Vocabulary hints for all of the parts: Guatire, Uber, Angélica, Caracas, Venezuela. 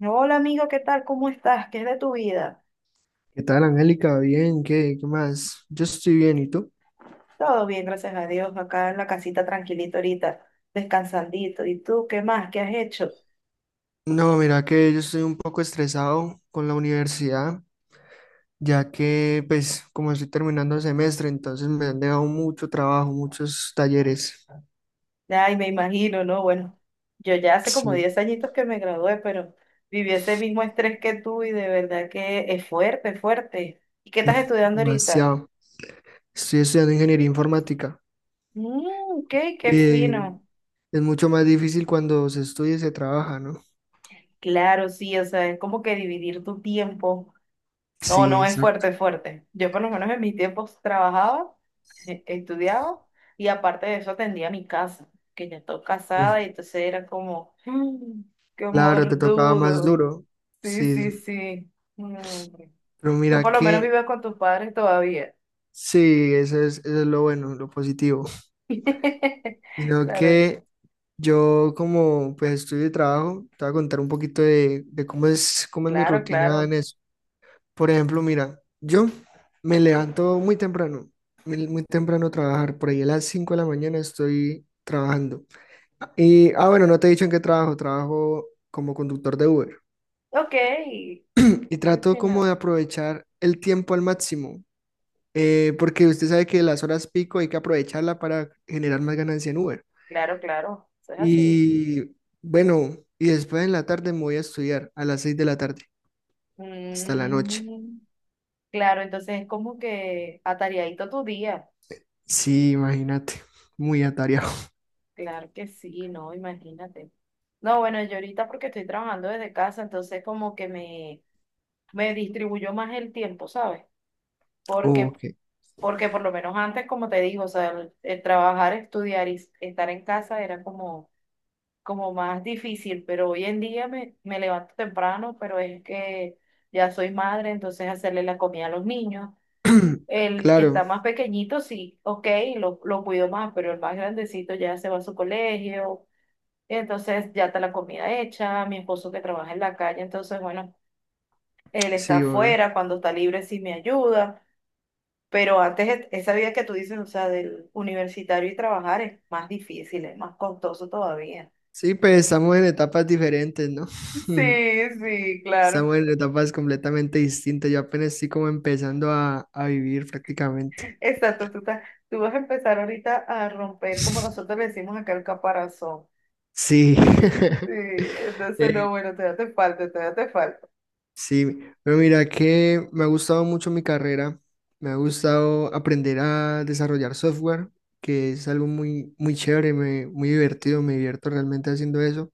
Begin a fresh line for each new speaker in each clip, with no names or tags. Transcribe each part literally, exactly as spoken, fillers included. Hola amigo, ¿qué tal? ¿Cómo estás? ¿Qué es de tu vida?
¿Qué tal, Angélica? Bien, ¿qué, qué más? Yo estoy bien, ¿y tú?
Todo bien, gracias a Dios, acá en la casita tranquilito ahorita, descansandito. ¿Y tú qué más? ¿Qué has hecho?
No, mira que yo estoy un poco estresado con la universidad, ya que, pues, como estoy terminando el semestre, entonces me han dejado mucho trabajo, muchos talleres.
Ay, me imagino, ¿no? Bueno, yo ya hace como
Sí,
diez añitos que me gradué, pero viví ese mismo estrés que tú y de verdad que es fuerte, fuerte. ¿Y qué estás estudiando ahorita?
demasiado. Estoy estudiando ingeniería informática
Mmm, ok, qué
y
fino.
es mucho más difícil cuando se estudia y se trabaja, ¿no?
Claro, sí, o sea, es como que dividir tu tiempo. No,
Sí,
no, es
exacto.
fuerte, es fuerte. Yo por lo menos en mis tiempos trabajaba, eh, estudiaba y aparte de eso atendía mi casa, que ya estoy
Uf,
casada y entonces era como, "Mm, qué
claro, te tocaba más
mordudo."
duro.
Sí, sí,
Sí,
sí. Mm.
pero
Tú
mira
por lo menos
que
vives con tus padres todavía.
sí, eso es, eso es lo bueno, lo positivo. Sino
Claro,
que yo, como pues estudio y trabajo, te voy a contar un poquito de, de cómo es, cómo es mi
claro,
rutina en
claro.
eso. Por ejemplo, mira, yo me levanto muy temprano, muy, muy temprano a trabajar, por ahí a las cinco de la mañana estoy trabajando. Y, ah, bueno, no te he dicho en qué trabajo, trabajo como conductor de Uber.
Ok,
Y
¿qué
trato como
opinas?
de aprovechar el tiempo al máximo, eh, porque usted sabe que las horas pico hay que aprovecharla para generar más ganancia en Uber.
Claro, claro, eso es así.
Y bueno, y después en la tarde me voy a estudiar a las seis de la tarde hasta la noche.
Mm. Claro, entonces es como que atareadito tu día.
Sí, imagínate, muy atareado.
Claro que sí, no, imagínate. No, bueno, yo ahorita porque estoy trabajando desde casa, entonces como que me, me distribuyó más el tiempo, ¿sabes?
Oh,
Porque,
ok.
porque por lo menos antes, como te digo, o sea, el, el trabajar, estudiar y s- estar en casa era como, como más difícil, pero hoy en día me, me levanto temprano, pero es que ya soy madre, entonces hacerle la comida a los niños. El que está
Claro,
más pequeñito, sí, ok, lo, lo cuido más, pero el más grandecito ya se va a su colegio, entonces ya está la comida hecha, mi esposo que trabaja en la calle, entonces bueno, él está
sí, obvio.
afuera, cuando está libre sí me ayuda, pero antes e- esa vida que tú dices, o sea, del universitario y trabajar es más difícil, es más costoso todavía.
Sí, pues estamos en etapas diferentes, ¿no?
Sí, sí, claro.
Estamos en etapas completamente distintas. Yo apenas estoy como empezando a, a vivir prácticamente.
Exacto, tú, estás- tú vas a empezar ahorita a romper, como nosotros le decimos acá, el caparazón.
Sí.
Sí, entonces
Eh,
no, bueno, todavía te falta, todavía te falta.
Sí, pero mira que me ha gustado mucho mi carrera, me ha gustado aprender a desarrollar software, que es algo muy, muy chévere, me- muy divertido, me divierto realmente haciendo eso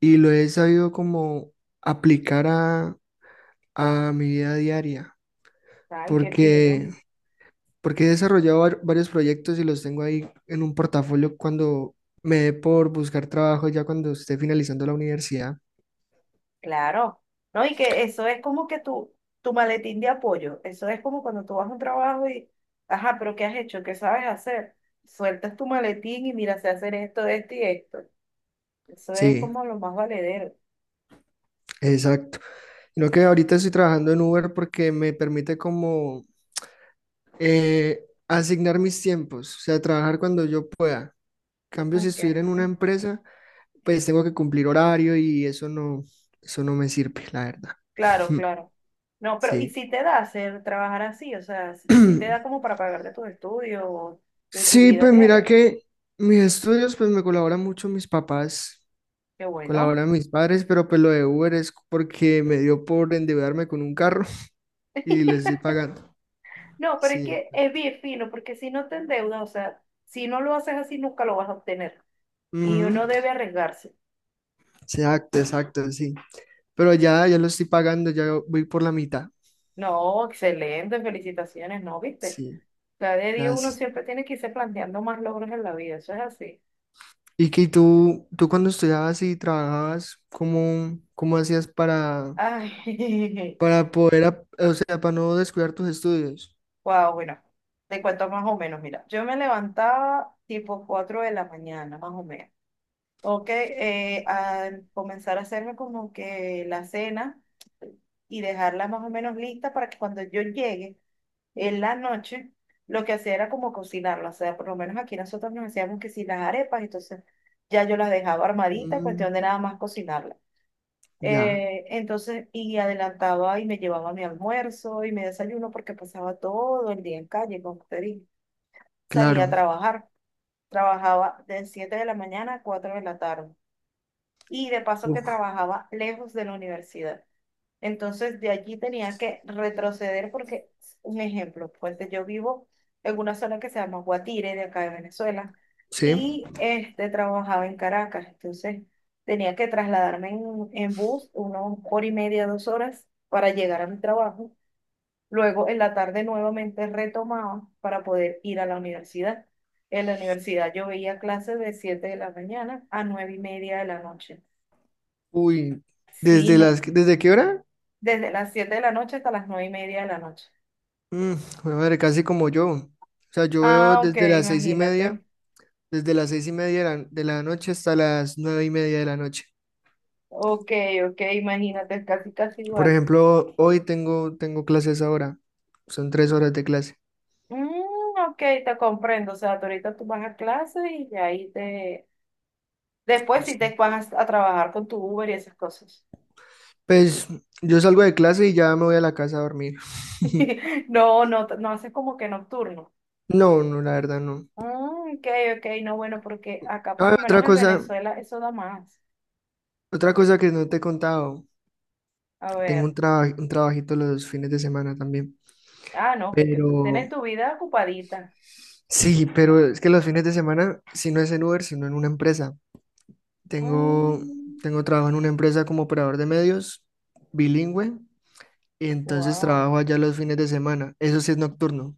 y lo he sabido como aplicar a, a mi vida diaria,
Ay, qué fino.
porque, porque he desarrollado var- varios proyectos y los tengo ahí en un portafolio cuando me dé por buscar trabajo ya cuando esté finalizando la universidad.
Claro, ¿no? Y que eso es como que tu, tu maletín de apoyo, eso es como cuando tú vas a un trabajo y, ajá, pero ¿qué has hecho? ¿Qué sabes hacer? Sueltas tu maletín y mira, sé hacer esto, esto y esto. Eso es
Sí,
como lo más valedero.
exacto. Sino que ahorita estoy trabajando en Uber porque me permite como eh, asignar mis tiempos, o sea, trabajar cuando yo pueda. En cambio, si
Ok.
estuviera en una empresa, pues tengo que cumplir horario y eso no, eso no me sirve, la verdad.
Claro, claro. No, pero ¿y
Sí.
si te da hacer trabajar así? O sea, si, si te da como para pagarte tus estudios o, o tu
Sí,
vida
pues mira
diaria.
que mis estudios, pues me colaboran mucho mis papás,
Qué bueno.
colaboran mis padres, pero pues lo de Uber es porque me dio por endeudarme con un carro y les estoy pagando.
No, pero es
Sí.
que es bien fino, porque si no te endeudas, o sea, si no lo haces así, nunca lo vas a obtener. Y
Ujú,
uno debe arriesgarse.
exacto, exacto, sí. Pero ya, ya lo estoy pagando, ya voy por la mitad.
No, excelente, felicitaciones, ¿no? ¿Viste?
Sí,
Cada día uno
gracias.
siempre tiene que irse planteando más logros en la vida, eso es así.
Y que tú, tú cuando estudiabas y trabajabas, ¿cómo, cómo hacías para,
Ay,
para poder, ap- o sea, para no descuidar tus estudios?
wow, bueno, te cuento más o menos, mira, yo me levantaba tipo cuatro de la mañana, más o menos. Ok, eh, a comenzar a hacerme como que la cena y dejarla más o menos lista para que cuando yo llegue en la noche, lo que hacía era como cocinarlo, o sea, por lo menos aquí nosotros nos hacíamos que si las arepas, entonces ya yo las dejaba armaditas, cuestión de
Mm,
nada más cocinarlas.
ya,
Eh, entonces, y adelantaba y me llevaba mi almuerzo y mi desayuno porque pasaba todo el día en calle, como te dije. Salía a
claro.
trabajar, trabajaba de siete de la mañana a cuatro de la tarde. Y de paso que
Uf,
trabajaba lejos de la universidad. Entonces de allí tenía que retroceder porque, un ejemplo, fuente, yo vivo en una zona que se llama Guatire, de acá de Venezuela,
sí.
y este, trabajaba en Caracas, entonces tenía que trasladarme en, en bus una hora y media, dos horas para llegar a mi trabajo. Luego en la tarde nuevamente retomaba para poder ir a la universidad. En la universidad yo veía clases de siete de la mañana a nueve y media de la noche.
Uy,
Sí,
¿desde
no,
las, ¿desde qué hora?
desde las siete de la noche hasta las nueve y media de la noche.
Mm, jue madre, casi como yo. O sea, yo veo
Ah, ok,
desde las seis y media,
imagínate.
desde las seis y media de la de la noche hasta las nueve y media de la noche.
Ok, ok, imagínate, es casi, casi
Por
igual.
ejemplo, hoy tengo, tengo clases ahora. Son tres horas de clase.
Mm, ok, te comprendo. O sea, tú ahorita tú vas a clase y ya ahí te... Después sí te vas a, trabajar con tu Uber y esas cosas.
Pues yo salgo de clase y ya me voy a la casa a dormir.
No, no, no haces como que nocturno.
No, no, la verdad no.
Mm, ok, ok, no, bueno, porque acá por lo
Ah,
menos
otra
en
cosa,
Venezuela eso da más.
otra cosa que no te he contado.
A
Tengo
ver.
un, traba- un trabajito los fines de semana también.
Ah, no, porque tú tienes
Pero
tu vida ocupadita.
sí, pero es que los fines de semana, si no es en Uber, sino en una empresa. Tengo,
Mm,
tengo trabajo en una empresa como operador de medios, bilingüe, y entonces
wow.
trabajo allá los fines de semana. Eso sí es nocturno.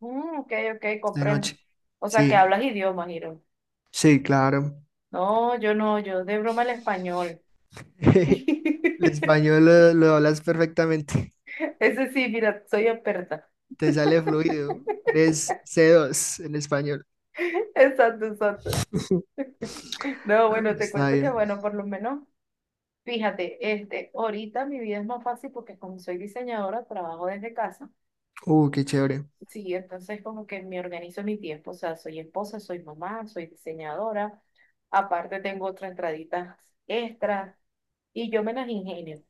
Mm, ok, ok,
De
comprendo.
noche.
O sea, que
Sí,
hablas idiomas, Hiro.
sí, claro.
No, yo no, yo de broma el español.
El español lo, lo hablas perfectamente.
Ese sí, mira, soy experta.
Te sale fluido. Eres C dos en español.
Exacto, exacto. No,
Ah,
bueno, te
está
cuento que,
bien.
bueno, por lo menos, fíjate, este, ahorita mi vida es más fácil porque como soy diseñadora, trabajo desde casa.
Uh, qué chévere.
Sí, entonces como que me organizo mi tiempo, o sea, soy esposa, soy mamá, soy diseñadora, aparte tengo otras entraditas extras y yo me las ingenio,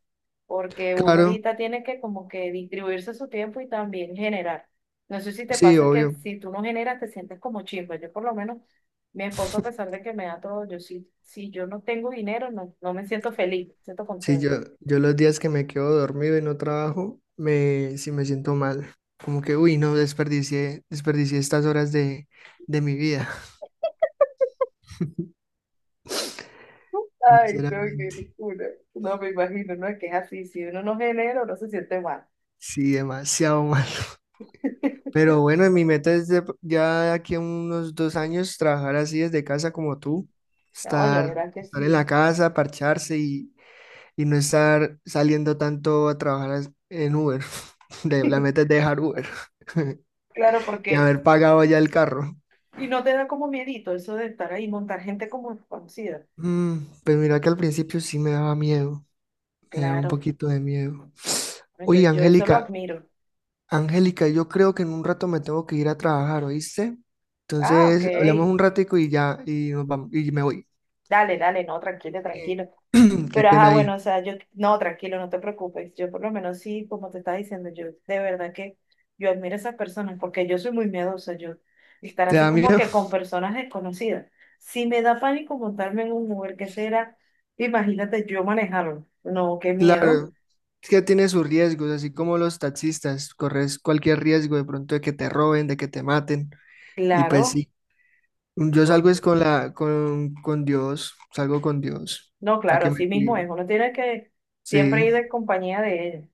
porque uno
Claro,
ahorita tiene que como que distribuirse su tiempo y también generar. No sé si te
sí,
pasa que
obvio.
si tú no generas te sientes como chimba, yo por lo menos, mi esposo a pesar de que me da todo, yo sí, si yo no tengo dinero, no, no me siento feliz, me siento
Sí, yo,
contenta.
yo los días que me quedo dormido y no trabajo, me, sí me siento mal. Como que, uy, no, desperdicié, desperdicié estas horas de, de mi vida.
Ay, no, qué
Sinceramente,
locura. No me imagino, no es que es así. Si uno no genera, uno se siente mal.
sí, demasiado. Pero bueno, mi meta es de- ya de aquí a unos dos años trabajar así desde casa como tú,
No, ya
estar,
verás que
estar en la
sí.
casa, parcharse y, y no estar saliendo tanto a trabajar as- en Uber. De, la meta es dejar Uber
Claro,
y
porque.
haber pagado ya el carro.
Y no te da como miedito eso de estar ahí, montar gente como desconocida.
Mm, pues mira que al principio sí me daba miedo, me daba un
Claro,
poquito de miedo.
no, yo,
Oye,
yo eso lo
Angélica,
admiro.
Angélica, yo creo que en un rato me tengo que ir a trabajar, ¿oíste?
Ah, ok.
Entonces, hablamos un ratico y ya, y nos vamos, y me voy.
Dale, dale, no, tranquilo,
Eh,
tranquilo.
qué
Pero ajá,
pena
bueno,
ahí.
o sea, yo, no, tranquilo, no te preocupes. Yo por lo menos sí, como te estaba diciendo, yo de verdad que yo admiro a esas personas porque yo soy muy miedosa, yo estar
¿Te
así
da
como
miedo?
que con personas desconocidas. Si me da pánico montarme en un Uber, ¿qué será? Imagínate yo manejarlo. No, qué miedo.
Claro, es que tiene sus riesgos, así como los taxistas, corres cualquier riesgo de pronto de que te roben, de que te maten. Y pues
Claro,
sí, yo
no,
salgo es con la, con, con Dios, salgo con Dios,
no,
para
claro,
que
así
me
mismo es.
cuide.
Uno tiene que siempre
Sí,
ir en compañía de ellos.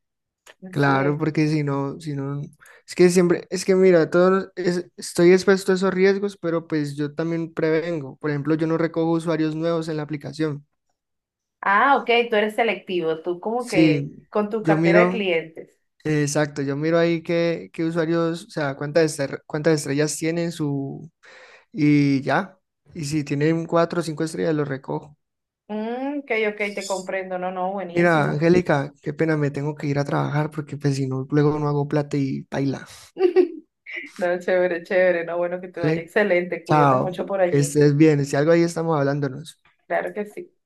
Así
claro,
es.
porque si no, si no, es que siempre, es que mira, todo es- estoy expuesto a esos riesgos, pero pues yo también prevengo. Por ejemplo, yo no recojo usuarios nuevos en la aplicación.
Ah, ok, tú eres selectivo, tú como
Sí,
que con tu
yo
cartera de
miro.
clientes.
Exacto, yo miro ahí qué, qué usuarios, o sea, cuántas, estre- cuántas estrellas tienen su... Y ya, y si tienen cuatro o cinco estrellas, los recojo.
Mm, ok, ok, te comprendo, no, no,
Mira,
buenísimo.
Angélica, qué pena, me tengo que ir a trabajar porque pues si no, luego no hago plata y baila,
No, chévere, chévere, no, bueno, que te vaya
¿vale?
excelente, cuídate
Chao,
mucho por
que
allí.
estés bien, si algo ahí estamos hablándonos.
Claro que sí.